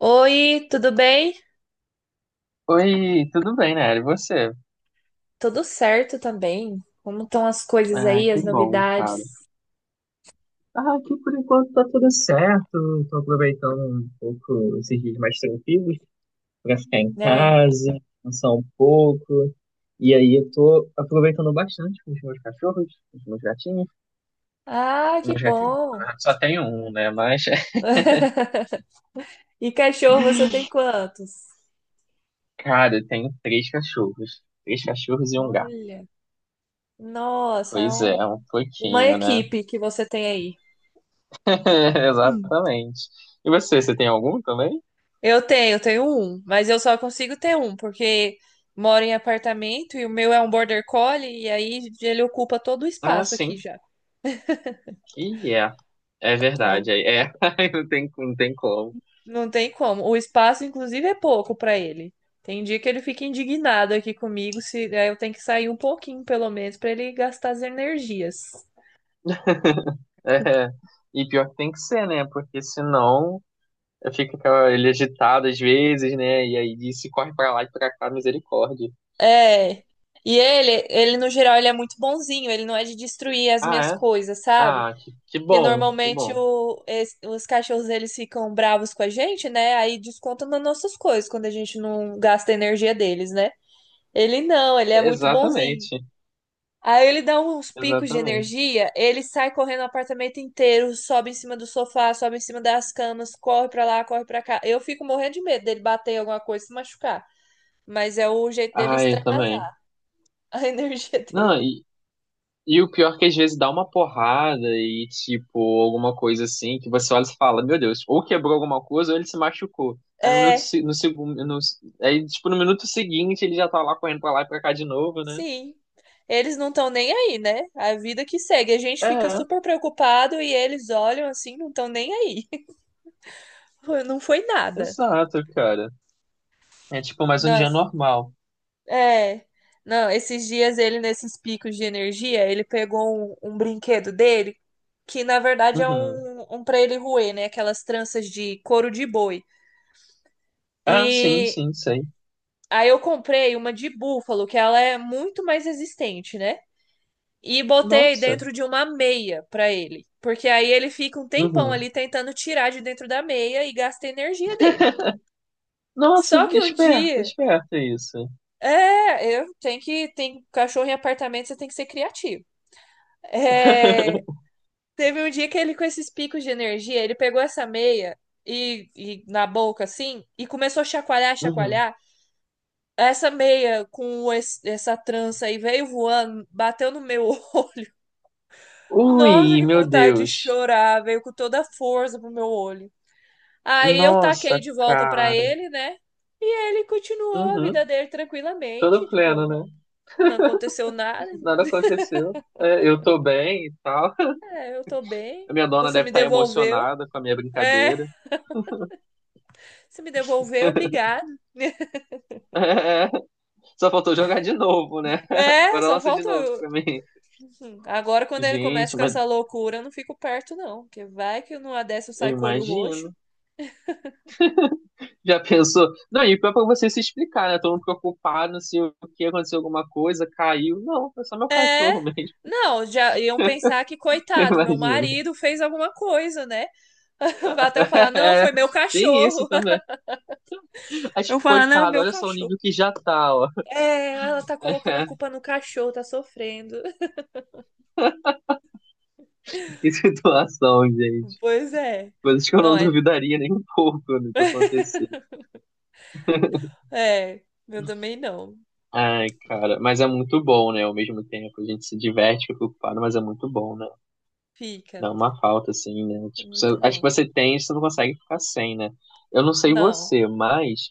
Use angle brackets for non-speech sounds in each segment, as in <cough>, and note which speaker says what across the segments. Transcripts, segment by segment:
Speaker 1: Oi, tudo bem?
Speaker 2: Oi, tudo bem, né? E você?
Speaker 1: Tudo certo também? Como estão as coisas
Speaker 2: Ah,
Speaker 1: aí,
Speaker 2: que
Speaker 1: as
Speaker 2: bom, cara.
Speaker 1: novidades,
Speaker 2: Ah, aqui por enquanto tá tudo certo. Tô aproveitando um pouco esses dias mais tranquilos pra ficar em
Speaker 1: né?
Speaker 2: casa, descansar um pouco. E aí eu tô aproveitando bastante com os meus cachorros, com os meus gatinhos.
Speaker 1: Ah,
Speaker 2: Os
Speaker 1: que
Speaker 2: meus gatinhos, na
Speaker 1: bom!
Speaker 2: verdade, só tenho um, né? Mas, <laughs>
Speaker 1: <laughs> E cachorro, você tem quantos?
Speaker 2: cara, eu tenho três cachorros. Três cachorros e um gato.
Speaker 1: Olha, nossa, é
Speaker 2: Pois é, um
Speaker 1: uma
Speaker 2: pouquinho, né?
Speaker 1: equipe que você tem aí.
Speaker 2: <laughs>
Speaker 1: Hum.
Speaker 2: Exatamente. E você, você tem algum também?
Speaker 1: Eu tenho um, mas eu só consigo ter um, porque moro em apartamento e o meu é um border collie e aí ele ocupa todo o
Speaker 2: Ah,
Speaker 1: espaço aqui
Speaker 2: sim.
Speaker 1: já.
Speaker 2: E é, é verdade, é. <laughs> Aí não tem, não tem como.
Speaker 1: Não tem como. O espaço, inclusive, é pouco pra ele. Tem dia que ele fica indignado aqui comigo, se aí eu tenho que sair um pouquinho, pelo menos, pra ele gastar as energias.
Speaker 2: É. E pior que tem que ser, né? Porque senão fica ele agitado às vezes, né? E aí se corre pra lá e pra cá, misericórdia.
Speaker 1: É. E ele no geral, ele é muito bonzinho, ele não é de destruir as
Speaker 2: Ah,
Speaker 1: minhas
Speaker 2: é?
Speaker 1: coisas, sabe?
Speaker 2: Ah, que
Speaker 1: Porque
Speaker 2: bom, que
Speaker 1: normalmente
Speaker 2: bom.
Speaker 1: os cachorros eles ficam bravos com a gente, né? Aí descontam nas nossas coisas quando a gente não gasta a energia deles, né? Ele não, ele é muito bonzinho.
Speaker 2: Exatamente,
Speaker 1: Aí ele dá uns picos de
Speaker 2: exatamente.
Speaker 1: energia, ele sai correndo o apartamento inteiro, sobe em cima do sofá, sobe em cima das camas, corre pra lá, corre pra cá. Eu fico morrendo de medo dele bater em alguma coisa e se machucar. Mas é o jeito dele
Speaker 2: Ah, eu também.
Speaker 1: extravasar a <laughs> energia
Speaker 2: Não,
Speaker 1: dele.
Speaker 2: e, E o pior é que às vezes dá uma porrada e, tipo, alguma coisa assim, que você olha e fala, meu Deus, ou quebrou alguma coisa ou ele se machucou. Aí no minuto,
Speaker 1: É,
Speaker 2: se- no segundo, no, aí, tipo, no minuto seguinte ele já tá lá correndo pra lá e pra cá de novo, né?
Speaker 1: sim. Eles não estão nem aí, né? A vida que segue. A gente fica
Speaker 2: É,
Speaker 1: super preocupado e eles olham assim, não estão nem aí. <laughs> Não foi nada.
Speaker 2: exato, cara. É tipo mais um dia
Speaker 1: Nossa.
Speaker 2: normal.
Speaker 1: É. Não, esses dias ele, nesses picos de energia, ele pegou um brinquedo dele, que na verdade é
Speaker 2: Uhum.
Speaker 1: um pra ele roer, né? Aquelas tranças de couro de boi.
Speaker 2: Ah, sim,
Speaker 1: E
Speaker 2: sim, sei.
Speaker 1: aí eu comprei uma de búfalo, que ela é muito mais resistente, né? E botei
Speaker 2: Nossa.
Speaker 1: dentro de uma meia pra ele. Porque aí ele fica um tempão
Speaker 2: Uhum.
Speaker 1: ali tentando tirar de dentro da meia e gasta a energia dele.
Speaker 2: <laughs> Nossa,
Speaker 1: Só que um
Speaker 2: esperto,
Speaker 1: dia,
Speaker 2: esperto é isso.
Speaker 1: é, eu tenho que, tem cachorro em apartamento, você tem que ser criativo. É,
Speaker 2: <laughs>
Speaker 1: teve um dia que ele, com esses picos de energia, ele pegou essa meia e na boca, assim, e começou a chacoalhar,
Speaker 2: Uhum.
Speaker 1: chacoalhar. Essa meia com essa trança aí veio voando, bateu no meu <laughs> olho. Nossa,
Speaker 2: Ui,
Speaker 1: que
Speaker 2: meu
Speaker 1: vontade de
Speaker 2: Deus.
Speaker 1: chorar! Veio com toda a força pro meu olho. Aí eu taquei
Speaker 2: Nossa,
Speaker 1: de volta pra
Speaker 2: cara.
Speaker 1: ele, né? E ele continuou a
Speaker 2: Uhum.
Speaker 1: vida dele tranquilamente,
Speaker 2: Todo pleno,
Speaker 1: tipo,
Speaker 2: né?
Speaker 1: não aconteceu nada.
Speaker 2: Nada aconteceu. É, eu tô bem e tal. <laughs>
Speaker 1: É, eu tô
Speaker 2: A
Speaker 1: bem.
Speaker 2: minha dona
Speaker 1: Você
Speaker 2: deve
Speaker 1: me
Speaker 2: estar
Speaker 1: devolveu.
Speaker 2: emocionada com a minha
Speaker 1: É,
Speaker 2: brincadeira. <laughs>
Speaker 1: você me devolveu, obrigada.
Speaker 2: É, só faltou jogar de novo, né? <laughs>
Speaker 1: É,
Speaker 2: Agora
Speaker 1: só
Speaker 2: lança de
Speaker 1: falta.
Speaker 2: novo pra mim.
Speaker 1: Agora, quando ele começa
Speaker 2: Gente,
Speaker 1: com
Speaker 2: mas
Speaker 1: essa loucura, eu não fico perto, não. Porque vai que numa dessa eu
Speaker 2: eu
Speaker 1: saio com o olho roxo.
Speaker 2: imagino. Já pensou? Não, e pior é pra você se explicar, né? Todo mundo preocupado se o que aconteceu, alguma coisa, caiu. Não, foi só meu
Speaker 1: É.
Speaker 2: cachorro mesmo.
Speaker 1: Não, já iam pensar que,
Speaker 2: <laughs>
Speaker 1: coitado, meu
Speaker 2: Imagina.
Speaker 1: marido fez alguma coisa, né? <laughs> Até eu falar, não,
Speaker 2: É,
Speaker 1: foi meu
Speaker 2: tem isso
Speaker 1: cachorro. <laughs>
Speaker 2: também. Mas,
Speaker 1: Eu
Speaker 2: tipo,
Speaker 1: falar, não,
Speaker 2: coitado,
Speaker 1: meu
Speaker 2: olha só o
Speaker 1: cachorro.
Speaker 2: nível que já tá, ó.
Speaker 1: É, ela tá colocando a culpa
Speaker 2: <laughs>
Speaker 1: no cachorro, tá sofrendo. <laughs>
Speaker 2: Que situação, gente.
Speaker 1: Pois é.
Speaker 2: Coisas que eu
Speaker 1: Não,
Speaker 2: não <laughs>
Speaker 1: é.
Speaker 2: duvidaria nem um pouco do que acontecer.
Speaker 1: É, eu também não.
Speaker 2: Ai, cara, mas é muito bom, né? Ao mesmo tempo, a gente se diverte, fica ocupado, mas é muito bom, né?
Speaker 1: Fica.
Speaker 2: Dá uma falta, assim, né?
Speaker 1: É
Speaker 2: Tipo,
Speaker 1: muito
Speaker 2: acho
Speaker 1: bom.
Speaker 2: que você tem, você não consegue ficar sem, né? Eu não sei
Speaker 1: Não.
Speaker 2: você, mas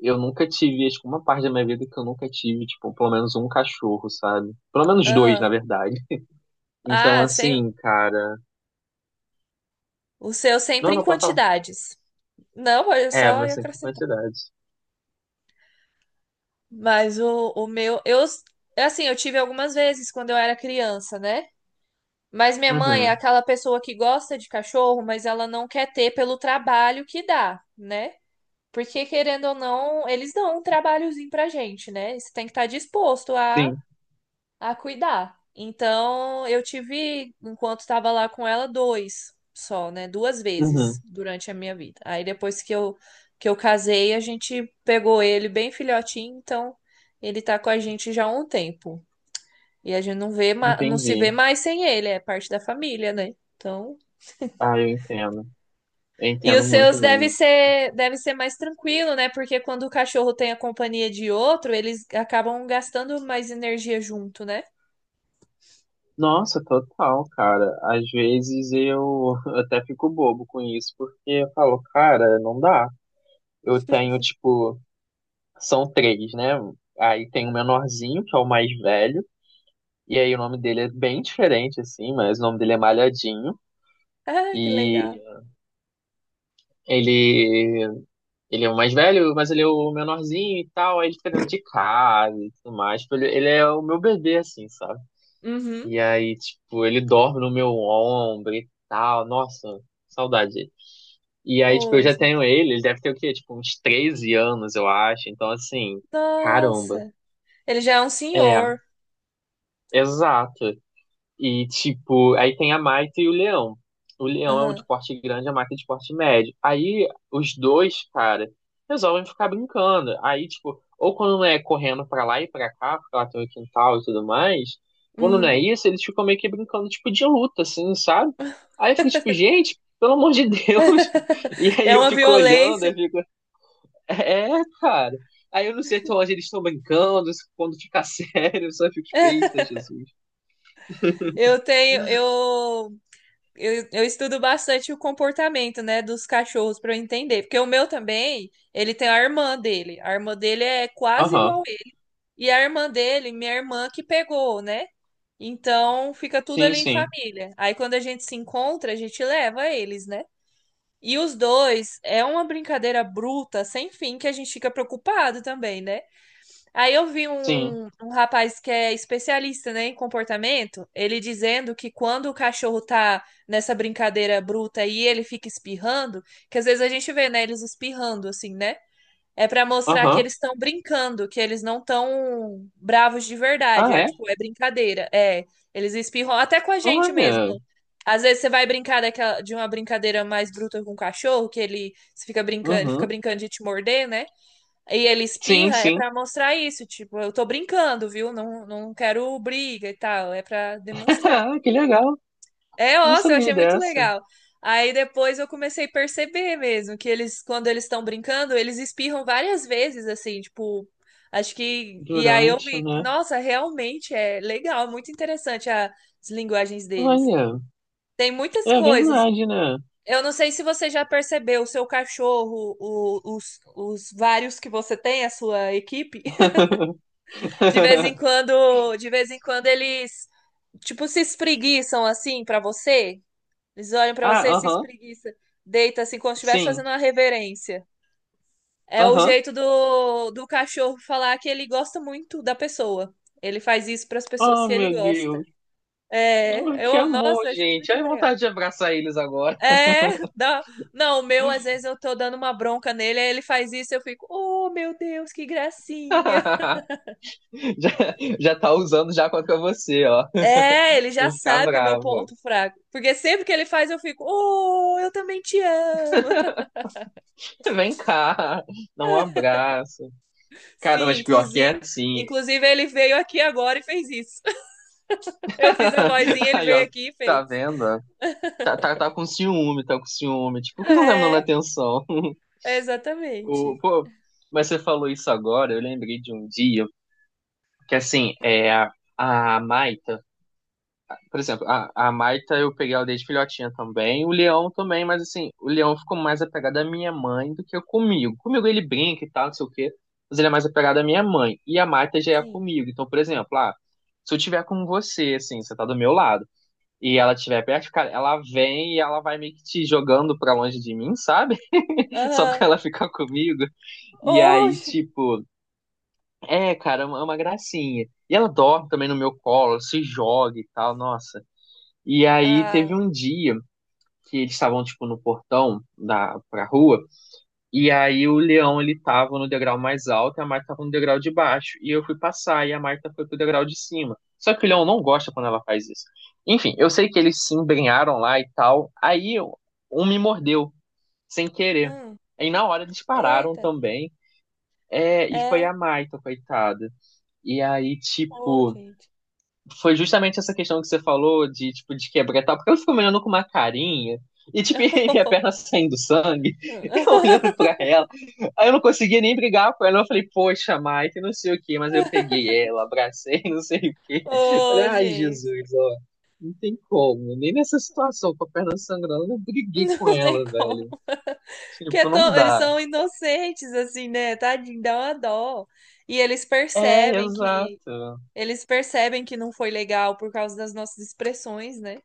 Speaker 2: eu nunca tive, acho que uma parte da minha vida que eu nunca tive, tipo, pelo menos um cachorro, sabe? Pelo menos dois, na
Speaker 1: Aham.
Speaker 2: verdade. Então,
Speaker 1: Ah, sem,
Speaker 2: assim, cara.
Speaker 1: o seu
Speaker 2: Não,
Speaker 1: sempre em
Speaker 2: não, pode falar.
Speaker 1: quantidades. Não, olha
Speaker 2: É,
Speaker 1: só
Speaker 2: mas
Speaker 1: ia
Speaker 2: sempre
Speaker 1: acrescentar.
Speaker 2: quantidade.
Speaker 1: Mas o meu, eu, assim, eu tive algumas vezes quando eu era criança, né? Mas minha mãe é
Speaker 2: Uhum.
Speaker 1: aquela pessoa que gosta de cachorro, mas ela não quer ter pelo trabalho que dá, né? Porque, querendo ou não, eles dão um trabalhozinho pra gente, né? Você tem que estar disposto a
Speaker 2: Sim.
Speaker 1: cuidar. Então, eu tive, enquanto estava lá com ela, dois só, né? Duas vezes
Speaker 2: Uhum.
Speaker 1: durante a minha vida. Aí depois que eu casei, a gente pegou ele bem filhotinho, então ele tá com a gente já há um tempo. E a gente não vê, não se vê
Speaker 2: Entendi.
Speaker 1: mais sem ele, é parte da família, né? Então,
Speaker 2: Ah, eu entendo. Eu
Speaker 1: e os
Speaker 2: entendo muito
Speaker 1: seus
Speaker 2: bem isso.
Speaker 1: deve ser mais tranquilo, né? Porque quando o cachorro tem a companhia de outro, eles acabam gastando mais energia junto, né?
Speaker 2: Nossa, total, cara. Às vezes eu <laughs> até fico bobo com isso, porque eu falo, cara, não dá. Eu tenho, tipo, são três, né? Aí tem o menorzinho, que é o mais velho, e aí o nome dele é bem diferente, assim, mas o nome dele é Malhadinho.
Speaker 1: Ah, que legal.
Speaker 2: E ele, ele é o mais velho, mas ele é o menorzinho e tal, aí ele fica dentro de casa e tudo mais. Tipo, ele é o meu bebê, assim, sabe?
Speaker 1: Uhum.
Speaker 2: E aí, tipo, ele dorme no meu ombro e tal. Nossa, saudade. E aí, tipo, eu
Speaker 1: Ô,
Speaker 2: já tenho
Speaker 1: gente.
Speaker 2: ele, ele deve ter o quê? Tipo, uns 13 anos, eu acho. Então, assim, caramba.
Speaker 1: Nossa. Ele já é um
Speaker 2: É,
Speaker 1: senhor.
Speaker 2: exato. E, tipo, aí tem a Maita e o Leão. O Leão é o
Speaker 1: Aham.
Speaker 2: de porte grande, a Maita é de porte médio. Aí os dois, cara, resolvem ficar brincando. Aí, tipo, ou quando não é correndo pra lá e pra cá, porque lá tem o quintal e tudo mais, quando não é
Speaker 1: Uhum.
Speaker 2: isso, eles ficam meio que brincando, tipo, de luta, assim, sabe? Aí eu fico, tipo,
Speaker 1: <laughs>
Speaker 2: gente, pelo amor de Deus. <laughs> E aí
Speaker 1: É
Speaker 2: eu
Speaker 1: uma
Speaker 2: fico olhando,
Speaker 1: violência.
Speaker 2: é, cara. Aí eu não sei até onde eles estão brincando, quando fica <laughs> sério, eu só fico, tipo, eita, Jesus.
Speaker 1: Eu tenho, eu estudo bastante o comportamento, né, dos cachorros para eu entender, porque o meu também, ele tem a irmã dele. A irmã dele é quase
Speaker 2: Aham,
Speaker 1: igual a ele. E a irmã dele, minha irmã que pegou, né? Então fica tudo
Speaker 2: sim,
Speaker 1: ali em
Speaker 2: sim.
Speaker 1: família. Aí quando a gente se encontra, a gente leva eles, né? E os dois é uma brincadeira bruta, sem fim, que a gente fica preocupado também, né? Aí eu vi
Speaker 2: Sim.
Speaker 1: um rapaz que é especialista, né, em comportamento, ele dizendo que quando o cachorro tá nessa brincadeira bruta e ele fica espirrando, que às vezes a gente vê, né, eles espirrando, assim, né? É pra mostrar que
Speaker 2: Aham.
Speaker 1: eles estão brincando, que eles não estão bravos de
Speaker 2: Ah,
Speaker 1: verdade. É,
Speaker 2: é?
Speaker 1: tipo, é brincadeira. É, eles espirram até com a gente mesmo.
Speaker 2: Olha.
Speaker 1: Às vezes você vai brincar daquela, de uma brincadeira mais bruta com o cachorro, que ele você fica brincando, ele fica
Speaker 2: Uhum.
Speaker 1: brincando de te morder, né? E ele
Speaker 2: Sim,
Speaker 1: espirra, é
Speaker 2: sim.
Speaker 1: pra mostrar isso, tipo, eu tô brincando, viu? Não, não quero briga e tal, é pra demonstrar.
Speaker 2: <laughs> Que legal.
Speaker 1: É,
Speaker 2: Não
Speaker 1: nossa, eu
Speaker 2: sabia
Speaker 1: achei muito
Speaker 2: dessa.
Speaker 1: legal. Aí depois eu comecei a perceber mesmo que eles, quando eles estão brincando, eles espirram várias vezes, assim, tipo, acho que. E aí eu
Speaker 2: Durante,
Speaker 1: vi,
Speaker 2: né?
Speaker 1: nossa, realmente é legal, muito interessante as linguagens deles.
Speaker 2: Olha,
Speaker 1: Tem muitas
Speaker 2: é
Speaker 1: coisas.
Speaker 2: verdade, né?
Speaker 1: Eu não sei se você já percebeu, o seu cachorro, os vários que você tem, a sua equipe, <laughs> de vez em
Speaker 2: <laughs>
Speaker 1: quando, de vez em quando eles, tipo, se espreguiçam assim pra você. Eles olham pra
Speaker 2: Ah,
Speaker 1: você e se
Speaker 2: aham.
Speaker 1: espreguiça. Deita assim, como se estivesse
Speaker 2: Sim.
Speaker 1: fazendo uma reverência. É o
Speaker 2: Aham.
Speaker 1: jeito do cachorro falar que ele gosta muito da pessoa. Ele faz isso pras pessoas
Speaker 2: Oh,
Speaker 1: que ele
Speaker 2: meu Deus.
Speaker 1: gosta.
Speaker 2: Oh,
Speaker 1: É,
Speaker 2: que
Speaker 1: eu,
Speaker 2: amor,
Speaker 1: nossa, acho
Speaker 2: gente.
Speaker 1: muito
Speaker 2: Ai,
Speaker 1: legal.
Speaker 2: vontade de abraçar eles agora.
Speaker 1: É, não, o meu, às vezes eu tô dando uma bronca nele, aí ele faz isso, eu fico, oh meu Deus, que gracinha.
Speaker 2: <laughs> Já, já tá usando já contra você, ó.
Speaker 1: É, ele já
Speaker 2: Não ficar
Speaker 1: sabe que é meu
Speaker 2: bravo.
Speaker 1: ponto fraco. Porque sempre que ele faz, eu fico, oh, eu também te amo.
Speaker 2: Vem cá. Dá um abraço. Cara,
Speaker 1: Sim,
Speaker 2: mas pior que é assim.
Speaker 1: inclusive ele veio aqui agora e fez isso. <laughs> Eu fiz a vozinha,
Speaker 2: <laughs>
Speaker 1: ele
Speaker 2: Aí,
Speaker 1: veio
Speaker 2: ó,
Speaker 1: aqui e
Speaker 2: tá
Speaker 1: fez.
Speaker 2: vendo? Tá, tá, tá com ciúme, tá com ciúme. Tipo, por que você não tá me dando
Speaker 1: É,
Speaker 2: atenção? O,
Speaker 1: exatamente.
Speaker 2: pô, mas você falou isso agora, eu lembrei de um dia que, assim, a Maita, por exemplo, a Maita eu peguei ela desde filhotinha também, o Leão também, mas, assim, o Leão ficou mais apegado à minha mãe do que comigo. Comigo ele brinca e tal, não sei o quê, mas ele é mais apegado à minha mãe. E a Maita já é
Speaker 1: Sim.
Speaker 2: comigo. Então, por exemplo, se eu tiver com você, assim, você tá do meu lado. E ela estiver perto, cara, ela vem e ela vai meio que te jogando pra longe de mim, sabe? <laughs> Só pra
Speaker 1: Aham.
Speaker 2: ela ficar comigo. E aí,
Speaker 1: Hoje.
Speaker 2: tipo, é uma gracinha. E ela dorme também no meu colo, se joga e tal, nossa. E aí teve
Speaker 1: Ah.
Speaker 2: um dia que eles estavam, tipo, no portão pra rua. E aí o leão ele tava no degrau mais alto e a Marta tava no degrau de baixo. E eu fui passar e a Marta foi pro degrau de cima. Só que o leão não gosta quando ela faz isso. Enfim, eu sei que eles se embrenharam lá e tal. Um me mordeu, sem querer.
Speaker 1: Hum.
Speaker 2: Aí na hora eles pararam
Speaker 1: Eita.
Speaker 2: também. É, e foi
Speaker 1: É.
Speaker 2: a Marta, coitada. E aí,
Speaker 1: Ô,
Speaker 2: tipo,
Speaker 1: gente.
Speaker 2: foi justamente essa questão que você falou de, tipo, de quebrar e tal, porque ela ficou me olhando com uma carinha, e, tipo, <laughs> minha perna saindo sangue, <laughs> eu olhando
Speaker 1: <laughs>
Speaker 2: pra ela. Aí eu não conseguia nem brigar com ela, eu falei, poxa, Mike, não sei o quê, mas eu peguei ela, abracei, <laughs> não sei o quê. Falei,
Speaker 1: Ô,
Speaker 2: ai,
Speaker 1: gente.
Speaker 2: Jesus, ó, não tem como, nem nessa situação, com a perna sangrando, eu briguei com
Speaker 1: Não
Speaker 2: ela,
Speaker 1: tem
Speaker 2: velho.
Speaker 1: como.
Speaker 2: Tipo, não
Speaker 1: Eles
Speaker 2: dá.
Speaker 1: são inocentes, assim, né? Tadinho, dá uma dó. E eles
Speaker 2: É,
Speaker 1: percebem que.
Speaker 2: exato.
Speaker 1: Eles percebem que não foi legal por causa das nossas expressões, né?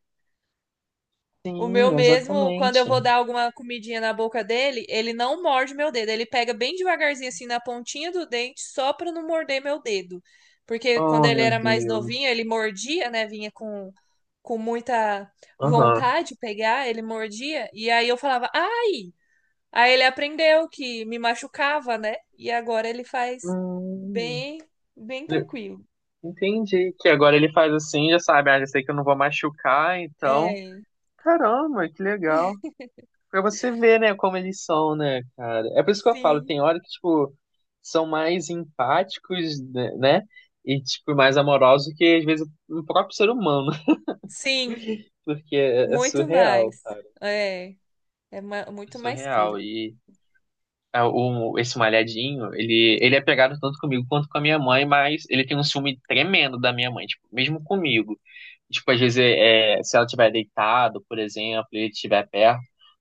Speaker 1: O meu
Speaker 2: Sim,
Speaker 1: mesmo, quando eu
Speaker 2: exatamente.
Speaker 1: vou dar alguma comidinha na boca dele, ele não morde meu dedo. Ele pega bem devagarzinho assim na pontinha do dente, só pra não morder meu dedo. Porque quando
Speaker 2: Oh,
Speaker 1: ele
Speaker 2: meu
Speaker 1: era mais
Speaker 2: Deus.
Speaker 1: novinho, ele mordia, né? Vinha com muita
Speaker 2: Aham.
Speaker 1: vontade de pegar, ele mordia. E aí eu falava, ai! Aí ele aprendeu que me machucava, né? E agora ele faz
Speaker 2: Hum.
Speaker 1: bem, bem tranquilo.
Speaker 2: Entendi. Que agora ele faz assim, já sabe, ah, já sei que eu não vou machucar, então.
Speaker 1: É,
Speaker 2: Caramba, que legal. Pra você ver, né, como eles são, né, cara? É por isso que eu falo,
Speaker 1: sim,
Speaker 2: tem hora que, tipo, são mais empáticos, né? né? E, tipo, mais amorosos que, às vezes, o próprio ser humano. <laughs>
Speaker 1: sim,
Speaker 2: Porque é
Speaker 1: muito
Speaker 2: surreal,
Speaker 1: mais.
Speaker 2: cara.
Speaker 1: É. É
Speaker 2: É
Speaker 1: muito mais
Speaker 2: surreal.
Speaker 1: puro.
Speaker 2: Esse malhadinho, ele é pegado tanto comigo quanto com a minha mãe, mas ele tem um ciúme tremendo da minha mãe, tipo, mesmo comigo. Tipo, às vezes, se ela estiver deitado, por exemplo, e ele estiver perto,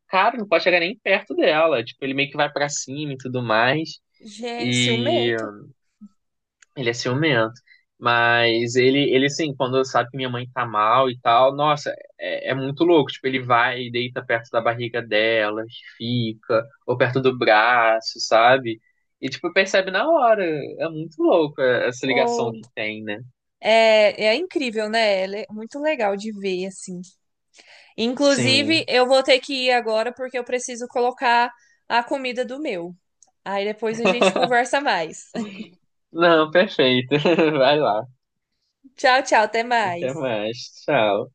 Speaker 2: cara, não pode chegar nem perto dela. Tipo, ele meio que vai pra cima e tudo mais.
Speaker 1: Gente,
Speaker 2: E
Speaker 1: ciumento.
Speaker 2: ele é ciumento. Mas ele assim, quando sabe que minha mãe tá mal e tal, nossa, é muito louco. Tipo, ele vai e deita perto da barriga dela, fica, ou perto do braço, sabe? E, tipo, percebe na hora. É muito louco essa ligação
Speaker 1: Ou
Speaker 2: que tem, né?
Speaker 1: é incrível, né? É muito legal de ver, assim. Inclusive,
Speaker 2: Sim.
Speaker 1: eu vou ter que ir agora porque eu preciso colocar a comida do meu. Aí depois a gente
Speaker 2: <laughs>
Speaker 1: conversa mais. <laughs>
Speaker 2: Não, perfeito. <laughs> Vai lá.
Speaker 1: Tchau, tchau, até mais.
Speaker 2: Até mais. Tchau.